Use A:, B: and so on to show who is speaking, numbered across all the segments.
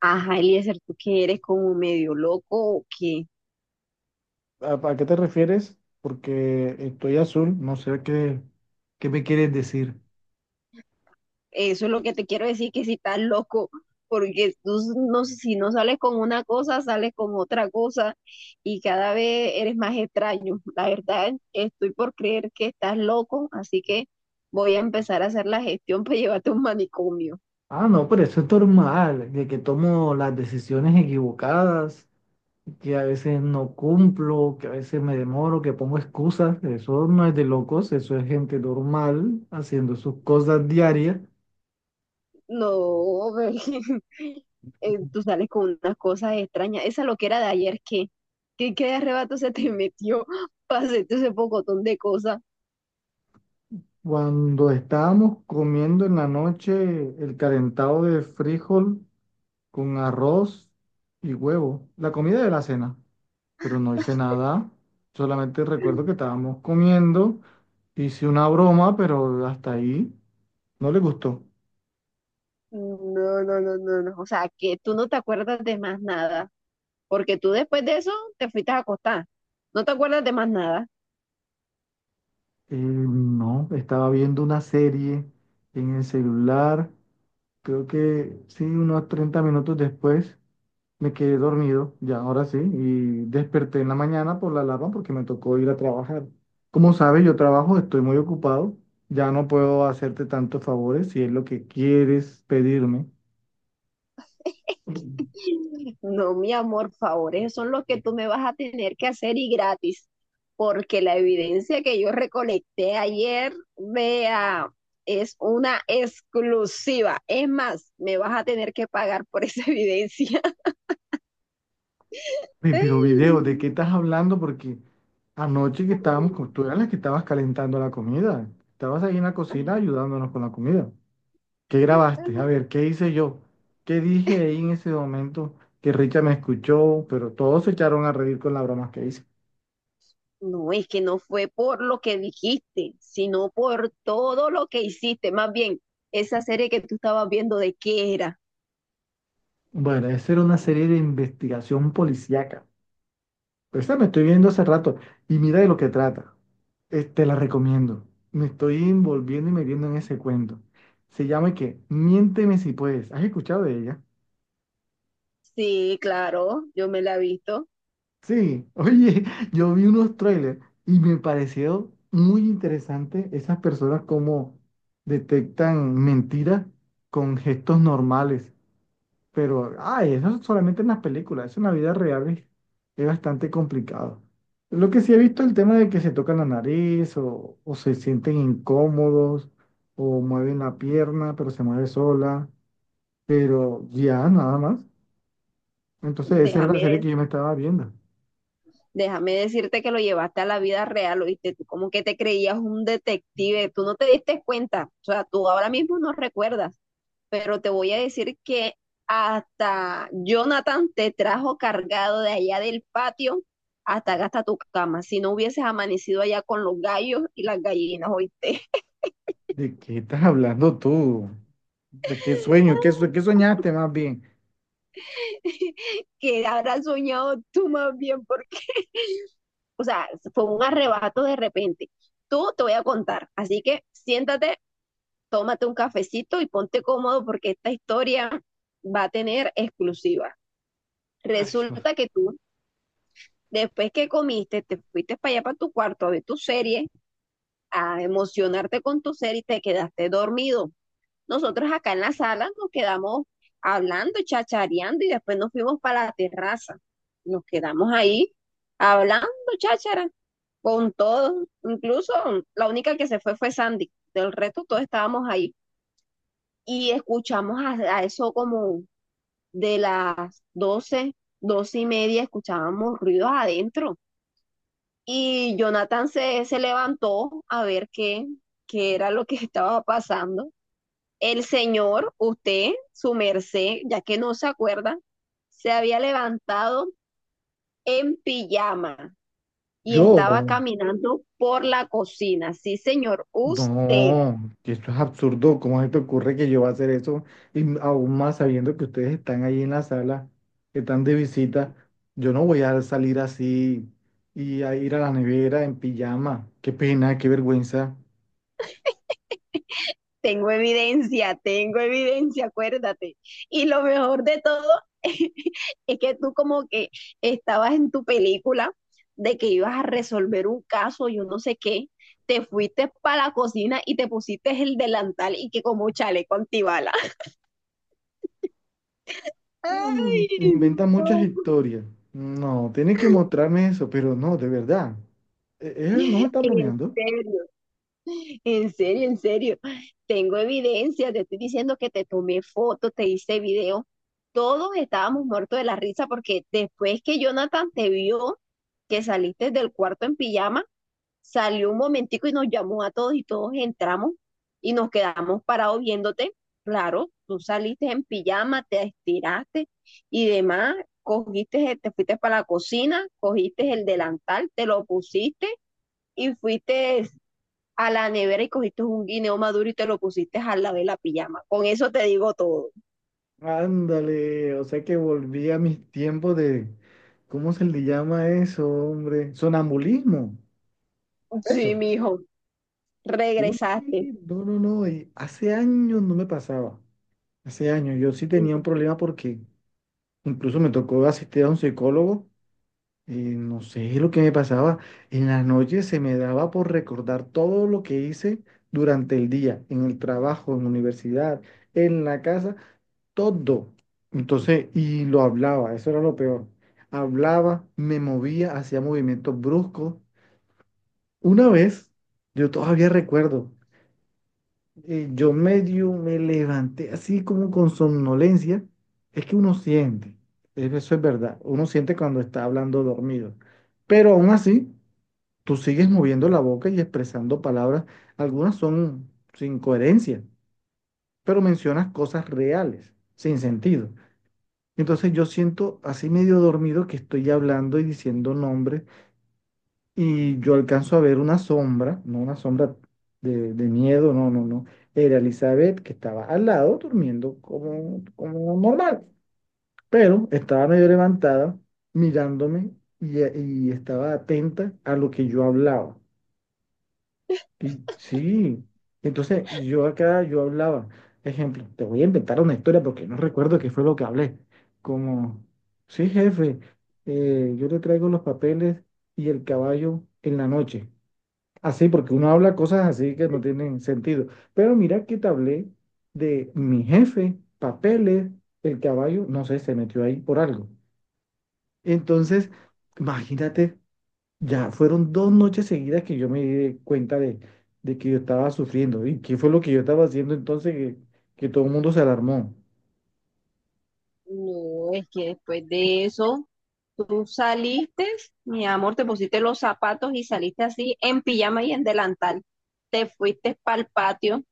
A: Ajá, Eliezer, ¿tú que eres como medio loco o qué?
B: ¿A qué te refieres? Porque estoy azul, no sé qué, qué me quieres decir.
A: Eso es lo que te quiero decir, que si estás loco, porque tú s- no, sé, si no sales con una cosa, sales con otra cosa y cada vez eres más extraño. La verdad, estoy por creer que estás loco, así que voy a empezar a hacer la gestión para llevarte a un manicomio.
B: Ah, no, pero eso es normal, de que tomo las decisiones equivocadas, que a veces no cumplo, que a veces me demoro, que pongo excusas. Eso no es de locos, eso es gente normal haciendo sus cosas diarias.
A: No, ve, tú sales con unas cosas extrañas. Esa loquera de ayer, ¿qué? ¿Qué, arrebato se te metió para hacerte ese pocotón de cosas?
B: Cuando estábamos comiendo en la noche el calentado de frijol con arroz y huevo, la comida de la cena, pero no hice nada. Solamente recuerdo que estábamos comiendo, hice una broma, pero hasta ahí no le gustó.
A: No, no, no, no, no. O sea, que tú no te acuerdas de más nada, porque tú después de eso te fuiste a acostar. No te acuerdas de más nada.
B: No, estaba viendo una serie en el celular. Creo que sí, unos 30 minutos después me quedé dormido, ya ahora sí, y desperté en la mañana por la alarma porque me tocó ir a trabajar. Como sabes, yo trabajo, estoy muy ocupado, ya no puedo hacerte tantos favores si es lo que quieres pedirme.
A: No, mi amor, favores son los que tú me vas a tener que hacer y gratis, porque la evidencia que yo recolecté ayer, vea, es una exclusiva. Es más, me vas a tener que pagar por esa evidencia.
B: Oye, pero video, ¿de qué estás hablando? Porque anoche que estábamos, tú eras la que estabas calentando la comida. Estabas ahí en la cocina ayudándonos con la comida. ¿Qué grabaste? A
A: Ay.
B: ver, ¿qué hice yo? ¿Qué dije ahí en ese momento que Richa me escuchó? Pero todos se echaron a reír con las bromas que hice.
A: No, es que no fue por lo que dijiste, sino por todo lo que hiciste. Más bien, esa serie que tú estabas viendo, ¿de qué era?
B: Bueno, esa era una serie de investigación policíaca. Esa me estoy viendo hace rato y mira de lo que trata. Te la recomiendo. Me estoy envolviendo y metiendo en ese cuento. Se llama que Miénteme si puedes. ¿Has escuchado de ella?
A: Sí, claro, yo me la he visto.
B: Sí, oye, yo vi unos trailers y me pareció muy interesante esas personas como detectan mentiras con gestos normales. Pero, ay, eso es solamente en las películas, eso en la vida real es bastante complicado. Lo que sí he visto es el tema de que se tocan la nariz o se sienten incómodos o mueven la pierna, pero se mueve sola, pero ya, nada más. Entonces, esa era la serie
A: Déjame,
B: que yo me estaba viendo.
A: déjame decirte que lo llevaste a la vida real, ¿oíste? Tú como que te creías un detective, tú no te diste cuenta. O sea, tú ahora mismo no recuerdas, pero te voy a decir que hasta Jonathan te trajo cargado de allá del patio hasta acá hasta tu cama. Si no hubieses amanecido allá con los gallos y las gallinas, oíste.
B: ¿De qué estás hablando tú? ¿De qué sueño? ¿ Qué soñaste más bien?
A: Que habrás soñado tú más bien, porque, o sea, fue un arrebato de repente. Tú te voy a contar, así que siéntate, tómate un cafecito y ponte cómodo porque esta historia va a tener exclusiva.
B: Ay, yo.
A: Resulta que tú... Después que comiste, te fuiste para allá, para tu cuarto, a ver tu serie, a emocionarte con tu serie, y te quedaste dormido. Nosotros acá en la sala nos quedamos hablando, chachareando, y después nos fuimos para la terraza. Nos quedamos ahí hablando, cháchara, con todos. Incluso la única que se fue fue Sandy. Del resto todos estábamos ahí y escuchamos a eso como de las 12, 12 y media, escuchábamos ruidos adentro. Y Jonathan se levantó a ver qué era lo que estaba pasando. El señor, usted, su merced, ya que no se acuerda, se había levantado en pijama y
B: Yo,
A: estaba caminando por la cocina. Sí, señor, usted.
B: no, que esto es absurdo. ¿Cómo se te ocurre que yo voy a hacer eso? Y aún más sabiendo que ustedes están ahí en la sala, que están de visita, yo no voy a salir así y a ir a la nevera en pijama. Qué pena, qué vergüenza.
A: Tengo evidencia, acuérdate. Y lo mejor de todo es que tú como que estabas en tu película de que ibas a resolver un caso, yo no sé qué, te fuiste para la cocina y te pusiste el delantal y que como un chaleco antibala.
B: Mm,
A: Ay,
B: inventa muchas
A: no.
B: historias. No, tiene que mostrarme eso, pero no, de verdad. Él no me está
A: En
B: bromeando.
A: serio. En serio, en serio. Tengo evidencia, te estoy diciendo que te tomé fotos, te hice video. Todos estábamos muertos de la risa porque después que Jonathan te vio que saliste del cuarto en pijama, salió un momentico y nos llamó a todos y todos entramos y nos quedamos parados viéndote. Claro, tú saliste en pijama, te estiraste y demás, cogiste, te fuiste para la cocina, cogiste el delantal, te lo pusiste y fuiste a la nevera y cogiste un guineo maduro y te lo pusiste al lado de la pijama. Con eso te digo todo.
B: Ándale, o sea que volví a mis tiempos de, ¿cómo se le llama eso, hombre? Sonambulismo.
A: Sí,
B: Eso.
A: mijo,
B: Uy,
A: regresaste.
B: sí, no, no, no, hace años no me pasaba, hace años yo sí tenía un problema porque incluso me tocó asistir a un psicólogo y no sé lo que me pasaba, en las noches se me daba por recordar todo lo que hice durante el día, en el trabajo, en la universidad, en la casa, todo. Entonces, y lo hablaba, eso era lo peor. Hablaba, me movía, hacía movimientos bruscos. Una vez, yo todavía recuerdo. Yo medio me levanté así como con somnolencia. Es que uno siente, eso es verdad, uno siente cuando está hablando dormido. Pero aún así, tú sigues moviendo la boca y expresando palabras. Algunas son sin coherencia, pero mencionas cosas reales, sin sentido. Entonces yo siento así medio dormido que estoy hablando y diciendo nombres y yo alcanzo a ver una sombra, no una sombra de miedo, no, no, no. Era Elizabeth que estaba al lado durmiendo como normal, pero estaba medio levantada mirándome y, y estaba atenta a lo que yo hablaba. Y sí, entonces yo acá yo hablaba, ejemplo, te voy a inventar una historia porque no recuerdo qué fue lo que hablé. Como, sí, jefe, yo le traigo los papeles y el caballo en la noche. Así, porque uno habla cosas así que no tienen sentido. Pero mira que te hablé de mi jefe, papeles, el caballo, no sé, se metió ahí por algo. Entonces, imagínate, ya fueron dos noches seguidas que yo me di cuenta de que yo estaba sufriendo. ¿Y qué fue lo que yo estaba haciendo entonces que todo el mundo se alarmó?
A: No, es que después de eso, tú saliste, mi amor, te pusiste los zapatos y saliste así en pijama y en delantal. Te fuiste para el patio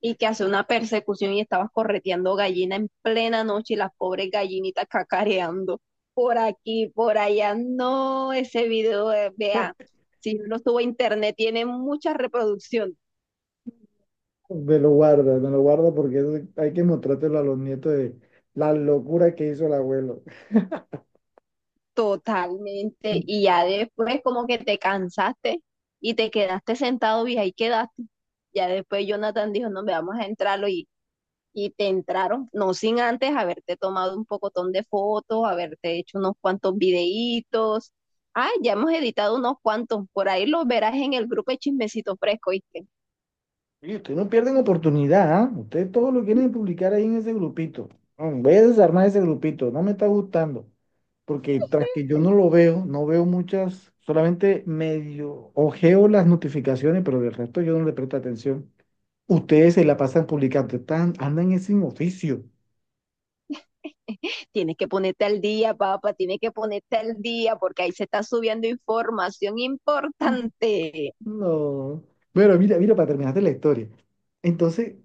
A: y que hace una persecución y estabas correteando gallina en plena noche y las pobres gallinitas cacareando por aquí, por allá. No, ese video, vea, si uno sube a internet, tiene mucha reproducción
B: Me lo guarda porque eso hay que mostrártelo a los nietos de la locura que hizo el abuelo.
A: totalmente. Y ya después como que te cansaste y te quedaste sentado y ahí quedaste. Ya después Jonathan dijo, no, me vamos a entrarlo, y te entraron, no sin antes haberte tomado un pocotón de fotos, haberte hecho unos cuantos videitos. Ah, ya hemos editado unos cuantos, por ahí los verás en el grupo de Chismecito Fresco, ¿viste?
B: Oye, ustedes no pierden oportunidad, ¿ah? Ustedes todo lo quieren publicar ahí en ese grupito. Mm, Voy a desarmar ese grupito, no me está gustando. Porque tras que yo no lo veo, no veo muchas, solamente medio ojeo las notificaciones, pero del resto yo no le presto atención. Ustedes se la pasan publicando, están, andan es sin oficio.
A: Tienes que ponerte al día, papá, tienes que ponerte al día, porque ahí se está subiendo información importante.
B: No. Bueno, mira, mira, para terminarte la historia. Entonces,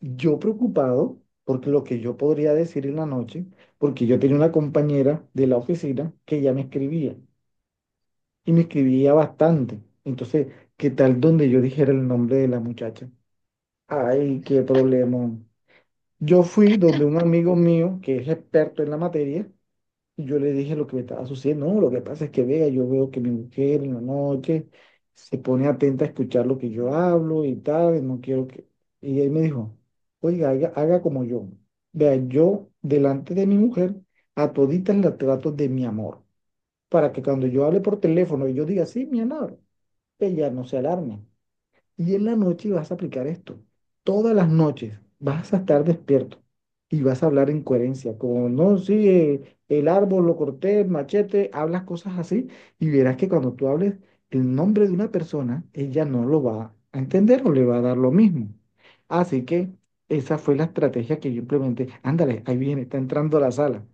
B: yo preocupado por lo que yo podría decir en la noche, porque yo tenía una compañera de la oficina que ya me escribía y me escribía bastante. Entonces, ¿qué tal donde yo dijera el nombre de la muchacha? Ay, qué problema. Yo fui donde un amigo mío que es experto en la materia y yo le dije lo que me estaba sucediendo. No, lo que pasa es que vea, yo veo que mi mujer en la noche se pone atenta a escuchar lo que yo hablo y tal, y no quiero que... Y él me dijo, oiga, haga como yo. Vea, yo delante de mi mujer a toditas las trato de mi amor, para que cuando yo hable por teléfono y yo diga, sí, mi amor, ella no se alarme. Y en la noche vas a aplicar esto. Todas las noches vas a estar despierto y vas a hablar en coherencia. Como no, sí, el árbol lo corté, el machete, hablas cosas así y verás que cuando tú hables el nombre de una persona, ella no lo va a entender o le va a dar lo mismo. Así que esa fue la estrategia que yo implementé. Ándale, ahí viene, está entrando a la sala.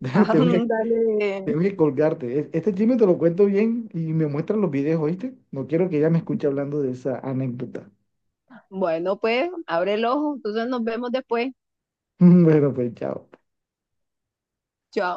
B: Tengo que,
A: Ándale.
B: tengo que colgarte. Este chisme te lo cuento bien y me muestran los videos, ¿oíste? No quiero que ella me escuche hablando de esa anécdota.
A: Bueno, pues, abre el ojo, entonces nos vemos después.
B: Bueno, pues chao.
A: Chao.